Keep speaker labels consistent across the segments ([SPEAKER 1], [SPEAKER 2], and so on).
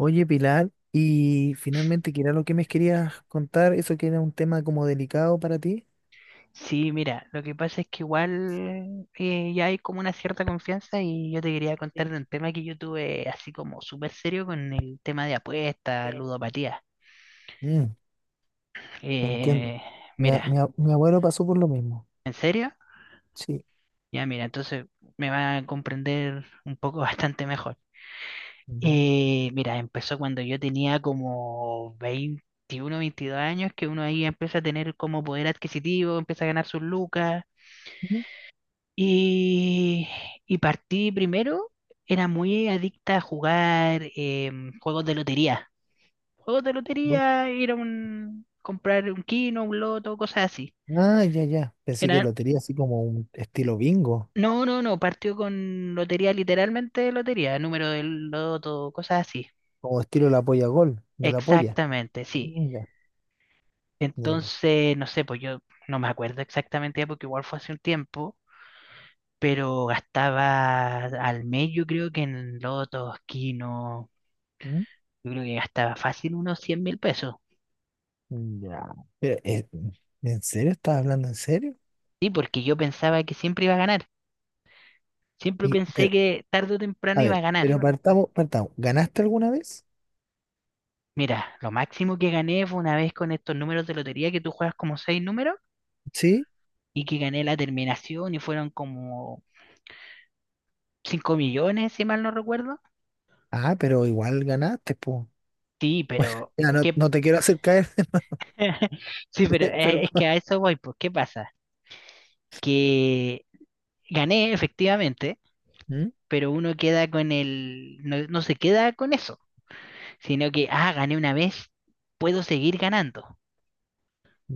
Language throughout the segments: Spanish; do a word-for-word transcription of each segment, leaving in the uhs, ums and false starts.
[SPEAKER 1] Oye, Pilar, y finalmente, ¿qué era lo que me querías contar? Eso que era un tema como delicado para ti.
[SPEAKER 2] Sí, mira, lo que pasa es que igual eh, ya hay como una cierta confianza y yo te quería
[SPEAKER 1] Sí,
[SPEAKER 2] contar de un tema que yo tuve así como súper serio con el tema de apuestas,
[SPEAKER 1] eh,
[SPEAKER 2] ludopatía.
[SPEAKER 1] mm, te entiendo.
[SPEAKER 2] Eh,
[SPEAKER 1] Mi, a-
[SPEAKER 2] mira,
[SPEAKER 1] mi a- mi abuelo pasó por lo mismo.
[SPEAKER 2] ¿en serio?
[SPEAKER 1] Sí.
[SPEAKER 2] Ya, mira, entonces me va a comprender un poco bastante mejor.
[SPEAKER 1] Ya.
[SPEAKER 2] Eh, mira, empezó cuando yo tenía como veintiuno, veintidós años, que uno ahí empieza a tener como poder adquisitivo, empieza a ganar sus lucas.
[SPEAKER 1] Mm,
[SPEAKER 2] Y, y partí primero, era muy adicta a jugar em, juegos de lotería. Juegos de
[SPEAKER 1] bu-
[SPEAKER 2] lotería, ir a un, comprar un kino, un loto, cosas así.
[SPEAKER 1] ah, ya, ya. Pensé que
[SPEAKER 2] Era,
[SPEAKER 1] lotería así como un estilo bingo,
[SPEAKER 2] no, no, no, partió con lotería, literalmente lotería, número del loto, cosas así.
[SPEAKER 1] como estilo la polla gol, de la polla.
[SPEAKER 2] Exactamente, sí.
[SPEAKER 1] Mm, ya, ya, ya.
[SPEAKER 2] Entonces, no sé, pues yo no me acuerdo exactamente ya porque igual fue hace un tiempo, pero gastaba al mes yo creo que en lotos, kino. Yo creo que gastaba fácil unos cien mil pesos.
[SPEAKER 1] Mm, ya. Pero, eh, ¿en serio? ¿Estás hablando en serio?
[SPEAKER 2] Sí, porque yo pensaba que siempre iba a ganar. Siempre
[SPEAKER 1] Y,
[SPEAKER 2] pensé
[SPEAKER 1] pero,
[SPEAKER 2] que tarde o
[SPEAKER 1] a
[SPEAKER 2] temprano iba
[SPEAKER 1] ver,
[SPEAKER 2] a ganar.
[SPEAKER 1] pero partamos, partamos. ¿Ganaste alguna vez?
[SPEAKER 2] Mira, lo máximo que gané fue una vez con estos números de lotería que tú juegas como seis números
[SPEAKER 1] Sí.
[SPEAKER 2] y que gané la terminación y fueron como cinco millones, si mal no recuerdo.
[SPEAKER 1] Ah, pero igual ganaste, po.
[SPEAKER 2] Sí, pero
[SPEAKER 1] Ya, no,
[SPEAKER 2] ¿qué?
[SPEAKER 1] no te quiero hacer caer,
[SPEAKER 2] Sí, pero eh,
[SPEAKER 1] perdón.
[SPEAKER 2] es que a eso voy, pues, ¿qué pasa? Que gané efectivamente,
[SPEAKER 1] ¿Mm?
[SPEAKER 2] pero uno queda con el, no no se queda con eso, sino que, ah, gané una vez, puedo seguir ganando.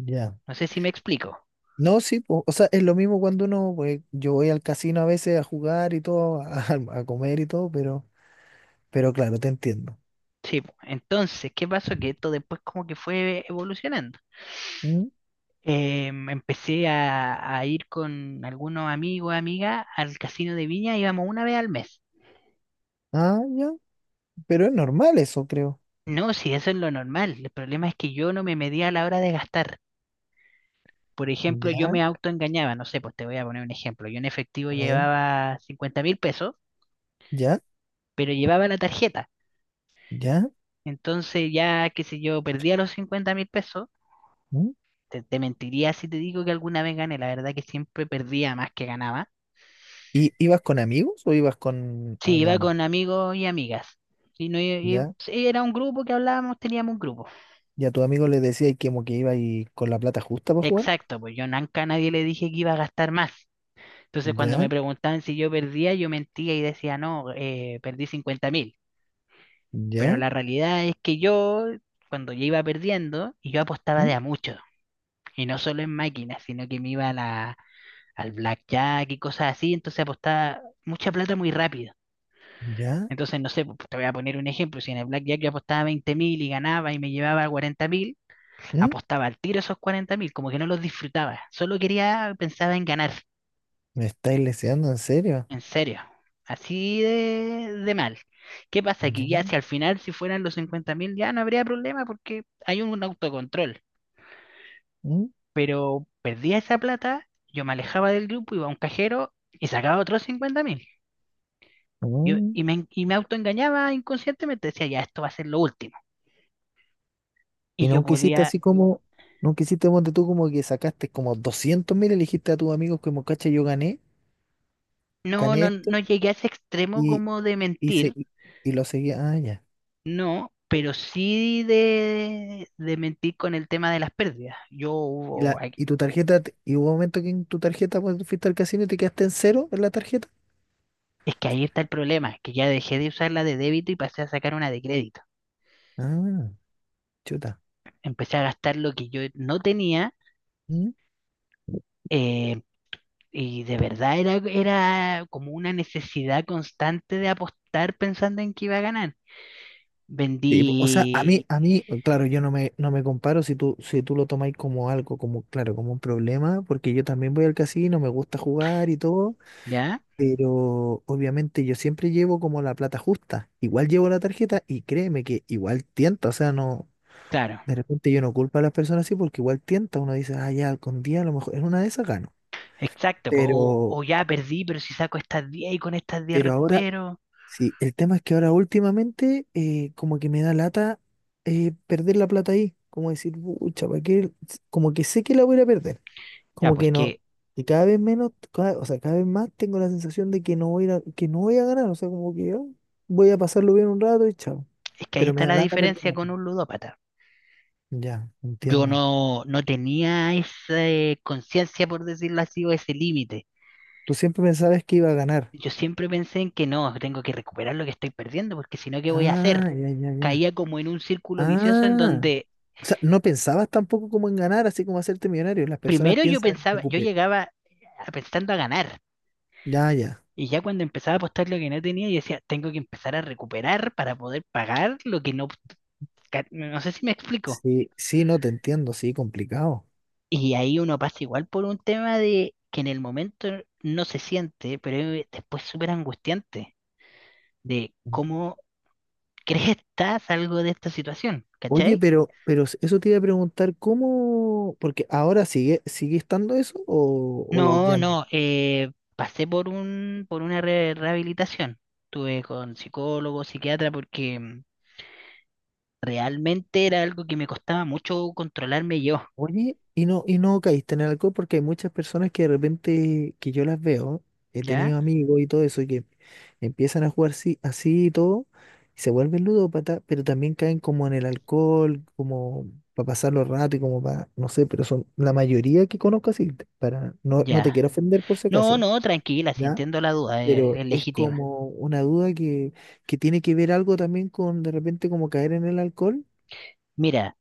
[SPEAKER 1] Ya.
[SPEAKER 2] No sé si me explico.
[SPEAKER 1] No, sí, po. O sea, es lo mismo cuando uno, pues, yo voy al casino a veces a jugar y todo, a, a comer y todo, pero, pero claro, te entiendo.
[SPEAKER 2] Sí, po. Entonces, ¿qué pasó? Que esto después como que fue evolucionando.
[SPEAKER 1] ¿Mm?
[SPEAKER 2] Em, empecé a, a ir con algunos amigos, amigas al casino de Viña, íbamos una vez al mes.
[SPEAKER 1] Ah, ya. Pero es normal eso, creo.
[SPEAKER 2] No, si eso es lo normal. El problema es que yo no me medía a la hora de gastar. Por ejemplo, yo
[SPEAKER 1] Ya,
[SPEAKER 2] me autoengañaba, no sé, pues te voy a poner un ejemplo. Yo en efectivo
[SPEAKER 1] a ver,
[SPEAKER 2] llevaba cincuenta mil pesos,
[SPEAKER 1] ya,
[SPEAKER 2] pero llevaba la tarjeta.
[SPEAKER 1] ya.
[SPEAKER 2] Entonces ya, qué sé yo, perdía los cincuenta mil pesos.
[SPEAKER 1] ¿Mm?
[SPEAKER 2] Te, te mentiría si te digo que alguna vez gané, la verdad que siempre perdía más que ganaba.
[SPEAKER 1] ¿Y ibas con amigos o ibas con
[SPEAKER 2] Sí, iba
[SPEAKER 1] alguien más?
[SPEAKER 2] con amigos y amigas. Y no, i- i-
[SPEAKER 1] Ya.
[SPEAKER 2] sí, era un grupo que hablábamos, teníamos un grupo.
[SPEAKER 1] ¿Ya tu amigo le decías que como que iba y con la plata justa para jugar?
[SPEAKER 2] Exacto, pues yo nunca a nadie le dije que iba a gastar más. Entonces cuando me
[SPEAKER 1] Ya,
[SPEAKER 2] preguntaban si yo perdía, yo mentía y decía, no, eh, perdí cincuenta mil. Pero
[SPEAKER 1] ya,
[SPEAKER 2] la realidad es que yo, cuando yo iba perdiendo, y yo apostaba
[SPEAKER 1] ¿mm?
[SPEAKER 2] de a mucho. Y no solo en máquinas, sino que me iba a la, al blackjack y cosas así. Entonces apostaba mucha plata muy rápido.
[SPEAKER 1] Ya.
[SPEAKER 2] Entonces, no sé, pues, te voy a poner un ejemplo. Si en el Blackjack yo apostaba veinte mil y ganaba y me llevaba cuarenta mil,
[SPEAKER 1] ¿Mm?
[SPEAKER 2] apostaba al tiro esos cuarenta mil, como que no los disfrutaba. Solo quería, pensaba en ganar,
[SPEAKER 1] ¿Me estáis leseando en serio?
[SPEAKER 2] en serio. Así de, de mal. ¿Qué pasa
[SPEAKER 1] ¿Ya?
[SPEAKER 2] que ya si al final, si fueran los cincuenta mil, ya no habría problema porque hay un autocontrol?
[SPEAKER 1] ¿Mm?
[SPEAKER 2] Pero perdía esa plata, yo me alejaba del grupo, iba a un cajero y sacaba otros cincuenta mil. Y,
[SPEAKER 1] Mm.
[SPEAKER 2] y me, y me autoengañaba inconscientemente, decía, ya esto va a ser lo último. Y
[SPEAKER 1] ¿Y
[SPEAKER 2] yo
[SPEAKER 1] nunca hiciste
[SPEAKER 2] podía.
[SPEAKER 1] así como, nunca hiciste ponte tú como que sacaste como doscientos mil, elegiste a tus amigos como, cacha, yo gané,
[SPEAKER 2] No,
[SPEAKER 1] gané
[SPEAKER 2] no, no
[SPEAKER 1] esto
[SPEAKER 2] llegué a ese extremo
[SPEAKER 1] y,
[SPEAKER 2] como de
[SPEAKER 1] y, se,
[SPEAKER 2] mentir,
[SPEAKER 1] y, y lo seguía, ah, ya.
[SPEAKER 2] no, pero sí de, de mentir con el tema de las pérdidas. Yo
[SPEAKER 1] Y,
[SPEAKER 2] hubo,
[SPEAKER 1] la,
[SPEAKER 2] ay,
[SPEAKER 1] y tu tarjeta, te- y hubo un momento que en tu tarjeta, pues fuiste al casino y te quedaste en cero en la tarjeta.
[SPEAKER 2] es que ahí está el problema, que ya dejé de usar la de débito y pasé a sacar una de crédito.
[SPEAKER 1] Ah, chuta.
[SPEAKER 2] Empecé a gastar lo que yo no tenía,
[SPEAKER 1] ¿Mm?
[SPEAKER 2] eh, y de verdad era, era como una necesidad constante de apostar pensando en que iba a ganar.
[SPEAKER 1] Sí, po, o sea, a
[SPEAKER 2] Vendí,
[SPEAKER 1] mí, a mí, claro, yo no me, no me comparo si tú, si tú lo tomáis como algo, como, claro, como un problema, porque yo también voy al casino, me gusta jugar y todo.
[SPEAKER 2] ¿ya?
[SPEAKER 1] Pero obviamente yo siempre llevo como la plata justa. Igual llevo la tarjeta y créeme que igual tienta. O sea, no,
[SPEAKER 2] Claro,
[SPEAKER 1] de repente yo no culpo a las personas así porque igual tienta. Uno dice, ah, ya, con día a lo mejor en una de esas gano.
[SPEAKER 2] exacto, po. O, o
[SPEAKER 1] Pero,
[SPEAKER 2] ya perdí, pero si saco estas diez y con estas diez
[SPEAKER 1] pero ahora,
[SPEAKER 2] recupero.
[SPEAKER 1] sí, el tema es que ahora últimamente eh, como que me da lata eh, perder la plata ahí. Como decir, pucha, ¿para qué? Como que sé que la voy a perder.
[SPEAKER 2] Ya,
[SPEAKER 1] Como
[SPEAKER 2] pues
[SPEAKER 1] que no,
[SPEAKER 2] que
[SPEAKER 1] y cada vez menos, cada- o sea, cada vez más tengo la sensación de que no voy a, ir a- que no voy a ganar, o sea, como que "ah, voy a pasarlo bien un rato y chao".
[SPEAKER 2] es que ahí
[SPEAKER 1] Pero me
[SPEAKER 2] está
[SPEAKER 1] da
[SPEAKER 2] la
[SPEAKER 1] lata
[SPEAKER 2] diferencia
[SPEAKER 1] perderla.
[SPEAKER 2] con un ludópata.
[SPEAKER 1] Ya,
[SPEAKER 2] Yo
[SPEAKER 1] entiendo.
[SPEAKER 2] no, no tenía esa eh, conciencia, por decirlo así, o ese límite.
[SPEAKER 1] Tú siempre pensabas que iba a ganar.
[SPEAKER 2] Yo siempre pensé en que no, tengo que recuperar lo que estoy perdiendo, porque si no, ¿qué voy a
[SPEAKER 1] Ah,
[SPEAKER 2] hacer?
[SPEAKER 1] ya, ya, ya.
[SPEAKER 2] Caía como en un círculo vicioso en
[SPEAKER 1] Ah,
[SPEAKER 2] donde
[SPEAKER 1] o sea, no pensabas tampoco como en ganar, así como hacerte millonario. Las personas
[SPEAKER 2] primero yo
[SPEAKER 1] piensan en
[SPEAKER 2] pensaba, yo
[SPEAKER 1] recuperar.
[SPEAKER 2] llegaba a- pensando a ganar,
[SPEAKER 1] Ya, ya.
[SPEAKER 2] y ya cuando empezaba a apostar lo que no tenía, yo decía, tengo que empezar a recuperar para poder pagar lo que no... ca- No sé si me explico.
[SPEAKER 1] Sí, sí, no te entiendo, sí, complicado.
[SPEAKER 2] Y ahí uno pasa igual por un tema de que en el momento no se siente, pero es después súper angustiante de cómo crees que estás algo de esta situación,
[SPEAKER 1] Oye,
[SPEAKER 2] ¿cachai?
[SPEAKER 1] pero, pero eso te iba a preguntar, ¿cómo? Porque ahora sigue, sigue estando eso o, o
[SPEAKER 2] No,
[SPEAKER 1] ya no.
[SPEAKER 2] no, eh, pasé por un, por una re- rehabilitación. Estuve con psicólogo, psiquiatra, porque mm, realmente era algo que me costaba mucho controlarme yo,
[SPEAKER 1] Oye, y no, y no caíste en el alcohol porque hay muchas personas que de repente, que yo las veo, he tenido
[SPEAKER 2] ¿ya?
[SPEAKER 1] amigos y todo eso, que empiezan a jugar así, así y todo, y se vuelven ludópatas, pero también caen como en el alcohol, como para pasarlo rato y como para, no sé, pero son la mayoría que conozco así, para, no, no te
[SPEAKER 2] Ya.
[SPEAKER 1] quiero ofender por si
[SPEAKER 2] No,
[SPEAKER 1] acaso,
[SPEAKER 2] no, tranquila, si
[SPEAKER 1] ¿ya?
[SPEAKER 2] entiendo la duda, es
[SPEAKER 1] Pero
[SPEAKER 2] es
[SPEAKER 1] es
[SPEAKER 2] legítima.
[SPEAKER 1] como una duda que, que tiene que ver algo también con de repente como caer en el alcohol.
[SPEAKER 2] Mira.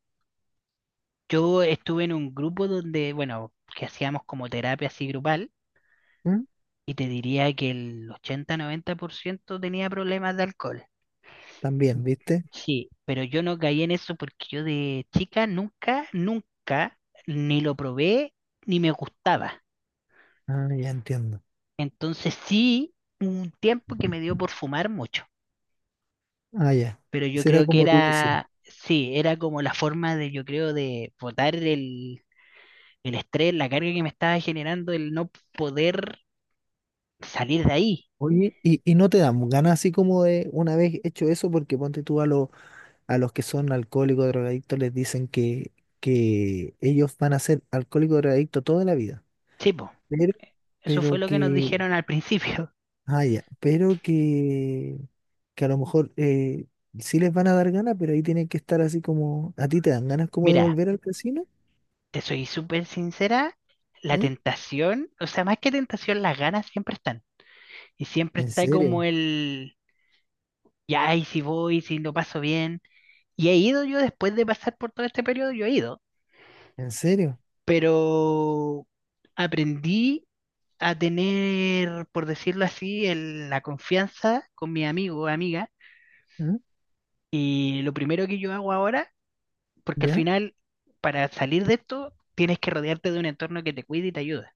[SPEAKER 2] Yo estuve en un grupo donde, bueno, que hacíamos como terapia así grupal
[SPEAKER 1] ¿Mm?
[SPEAKER 2] y te diría que el ochenta a noventa por ciento tenía problemas de alcohol.
[SPEAKER 1] También, ¿viste?
[SPEAKER 2] Sí, pero yo no caí en eso porque yo de chica nunca, nunca ni lo probé ni me gustaba.
[SPEAKER 1] Ah, ya entiendo.
[SPEAKER 2] Entonces sí, un tiempo que me dio por fumar mucho,
[SPEAKER 1] Ah, ya.
[SPEAKER 2] pero yo
[SPEAKER 1] Esa era
[SPEAKER 2] creo que
[SPEAKER 1] como tu visión.
[SPEAKER 2] era, sí, era como la forma de, yo creo, de botar el, el estrés, la carga que me estaba generando, el no poder salir de ahí.
[SPEAKER 1] Oye, y, y no te dan ganas así como de una vez hecho eso, porque ponte tú a, los a los que son alcohólicos, drogadictos, les dicen que, que ellos van a ser alcohólicos, drogadictos toda la vida,
[SPEAKER 2] Sí,
[SPEAKER 1] pero,
[SPEAKER 2] eso fue
[SPEAKER 1] pero
[SPEAKER 2] lo que nos
[SPEAKER 1] que
[SPEAKER 2] dijeron al principio.
[SPEAKER 1] ah, ya, pero que, que a lo mejor eh, sí les van a dar ganas, pero ahí tienen que estar así como, ¿a ti te dan ganas como de
[SPEAKER 2] Mira,
[SPEAKER 1] volver al casino?
[SPEAKER 2] te soy súper sincera, la
[SPEAKER 1] ¿Mm?
[SPEAKER 2] tentación, o sea, más que tentación, las ganas siempre están. Y siempre
[SPEAKER 1] ¿En
[SPEAKER 2] está como
[SPEAKER 1] serio?
[SPEAKER 2] el, ya, y si voy, si lo paso bien. Y he ido yo después de pasar por todo este periodo, yo he ido,
[SPEAKER 1] ¿En serio?
[SPEAKER 2] pero aprendí a tener, por decirlo así, el- la confianza con mi amigo o amiga.
[SPEAKER 1] ¿Mm?
[SPEAKER 2] Y lo primero que yo hago ahora. Porque al
[SPEAKER 1] ¿Ya?
[SPEAKER 2] final, para salir de esto, tienes que rodearte de un entorno que te cuide y te ayude.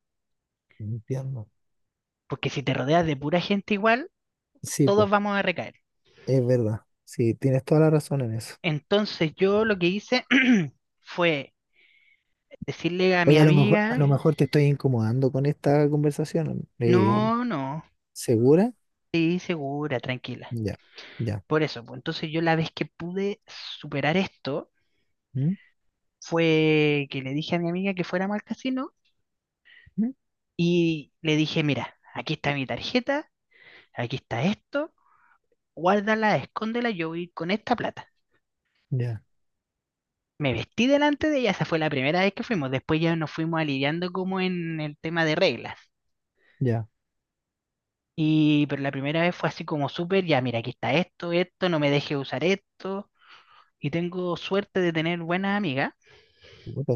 [SPEAKER 1] Entiendo.
[SPEAKER 2] Porque si te rodeas de pura gente igual,
[SPEAKER 1] Sí,
[SPEAKER 2] todos
[SPEAKER 1] pues,
[SPEAKER 2] vamos a recaer.
[SPEAKER 1] es verdad. Sí, tienes toda la razón en eso.
[SPEAKER 2] Entonces yo lo que hice fue decirle a mi
[SPEAKER 1] Oye, a lo mejor, a
[SPEAKER 2] amiga,
[SPEAKER 1] lo mejor te estoy incomodando con esta conversación. Eh,
[SPEAKER 2] no, no,
[SPEAKER 1] ¿segura?
[SPEAKER 2] sí, segura, tranquila.
[SPEAKER 1] Ya, ya.
[SPEAKER 2] Por eso, pues, entonces yo la vez que pude superar esto
[SPEAKER 1] ¿Mm?
[SPEAKER 2] fue que le dije a mi amiga que fuéramos al casino
[SPEAKER 1] ¿Mm?
[SPEAKER 2] y le dije, mira, aquí está mi tarjeta, aquí está esto, guárdala, escóndela, yo voy con esta plata.
[SPEAKER 1] Ya,
[SPEAKER 2] Me vestí delante de ella, esa fue la primera vez que fuimos. Después ya nos fuimos aliviando como en el tema de reglas.
[SPEAKER 1] ya.
[SPEAKER 2] Y pero la primera vez fue así como súper, ya mira, aquí está esto, esto, no me deje usar esto. Y tengo suerte de tener buenas amigas
[SPEAKER 1] Puta,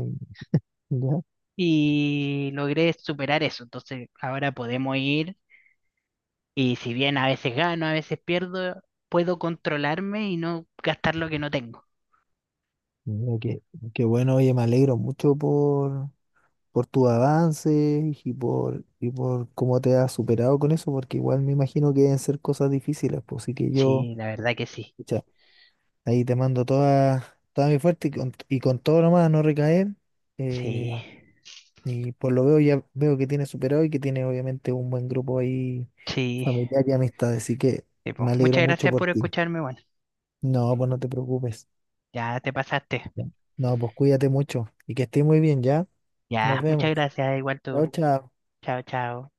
[SPEAKER 1] ya.
[SPEAKER 2] y logré superar eso. Entonces ahora podemos ir y si bien a veces gano, a veces pierdo, puedo controlarme y no gastar lo que no tengo.
[SPEAKER 1] Mira, qué, qué bueno, oye, me alegro mucho por por tus avances y por, y por cómo te has superado con eso, porque igual me imagino que deben ser cosas difíciles, pues así que yo,
[SPEAKER 2] Sí, la verdad que sí.
[SPEAKER 1] pucha, ahí te mando toda, toda mi fuerza y con, y con todo nomás a no recaer,
[SPEAKER 2] Sí,
[SPEAKER 1] eh, y por lo veo ya veo que tienes superado y que tiene obviamente un buen grupo ahí
[SPEAKER 2] sí.
[SPEAKER 1] familiar y amistad, así que
[SPEAKER 2] Sí, po.
[SPEAKER 1] me alegro
[SPEAKER 2] Muchas
[SPEAKER 1] mucho
[SPEAKER 2] gracias
[SPEAKER 1] por
[SPEAKER 2] por
[SPEAKER 1] ti.
[SPEAKER 2] escucharme. Bueno,
[SPEAKER 1] No, pues no te preocupes.
[SPEAKER 2] ya te pasaste.
[SPEAKER 1] Ya. No, pues cuídate mucho y que estés muy bien, ¿ya? Nos
[SPEAKER 2] Ya, muchas
[SPEAKER 1] vemos.
[SPEAKER 2] gracias, igual tú.
[SPEAKER 1] Chao, chao.
[SPEAKER 2] Chao, chao.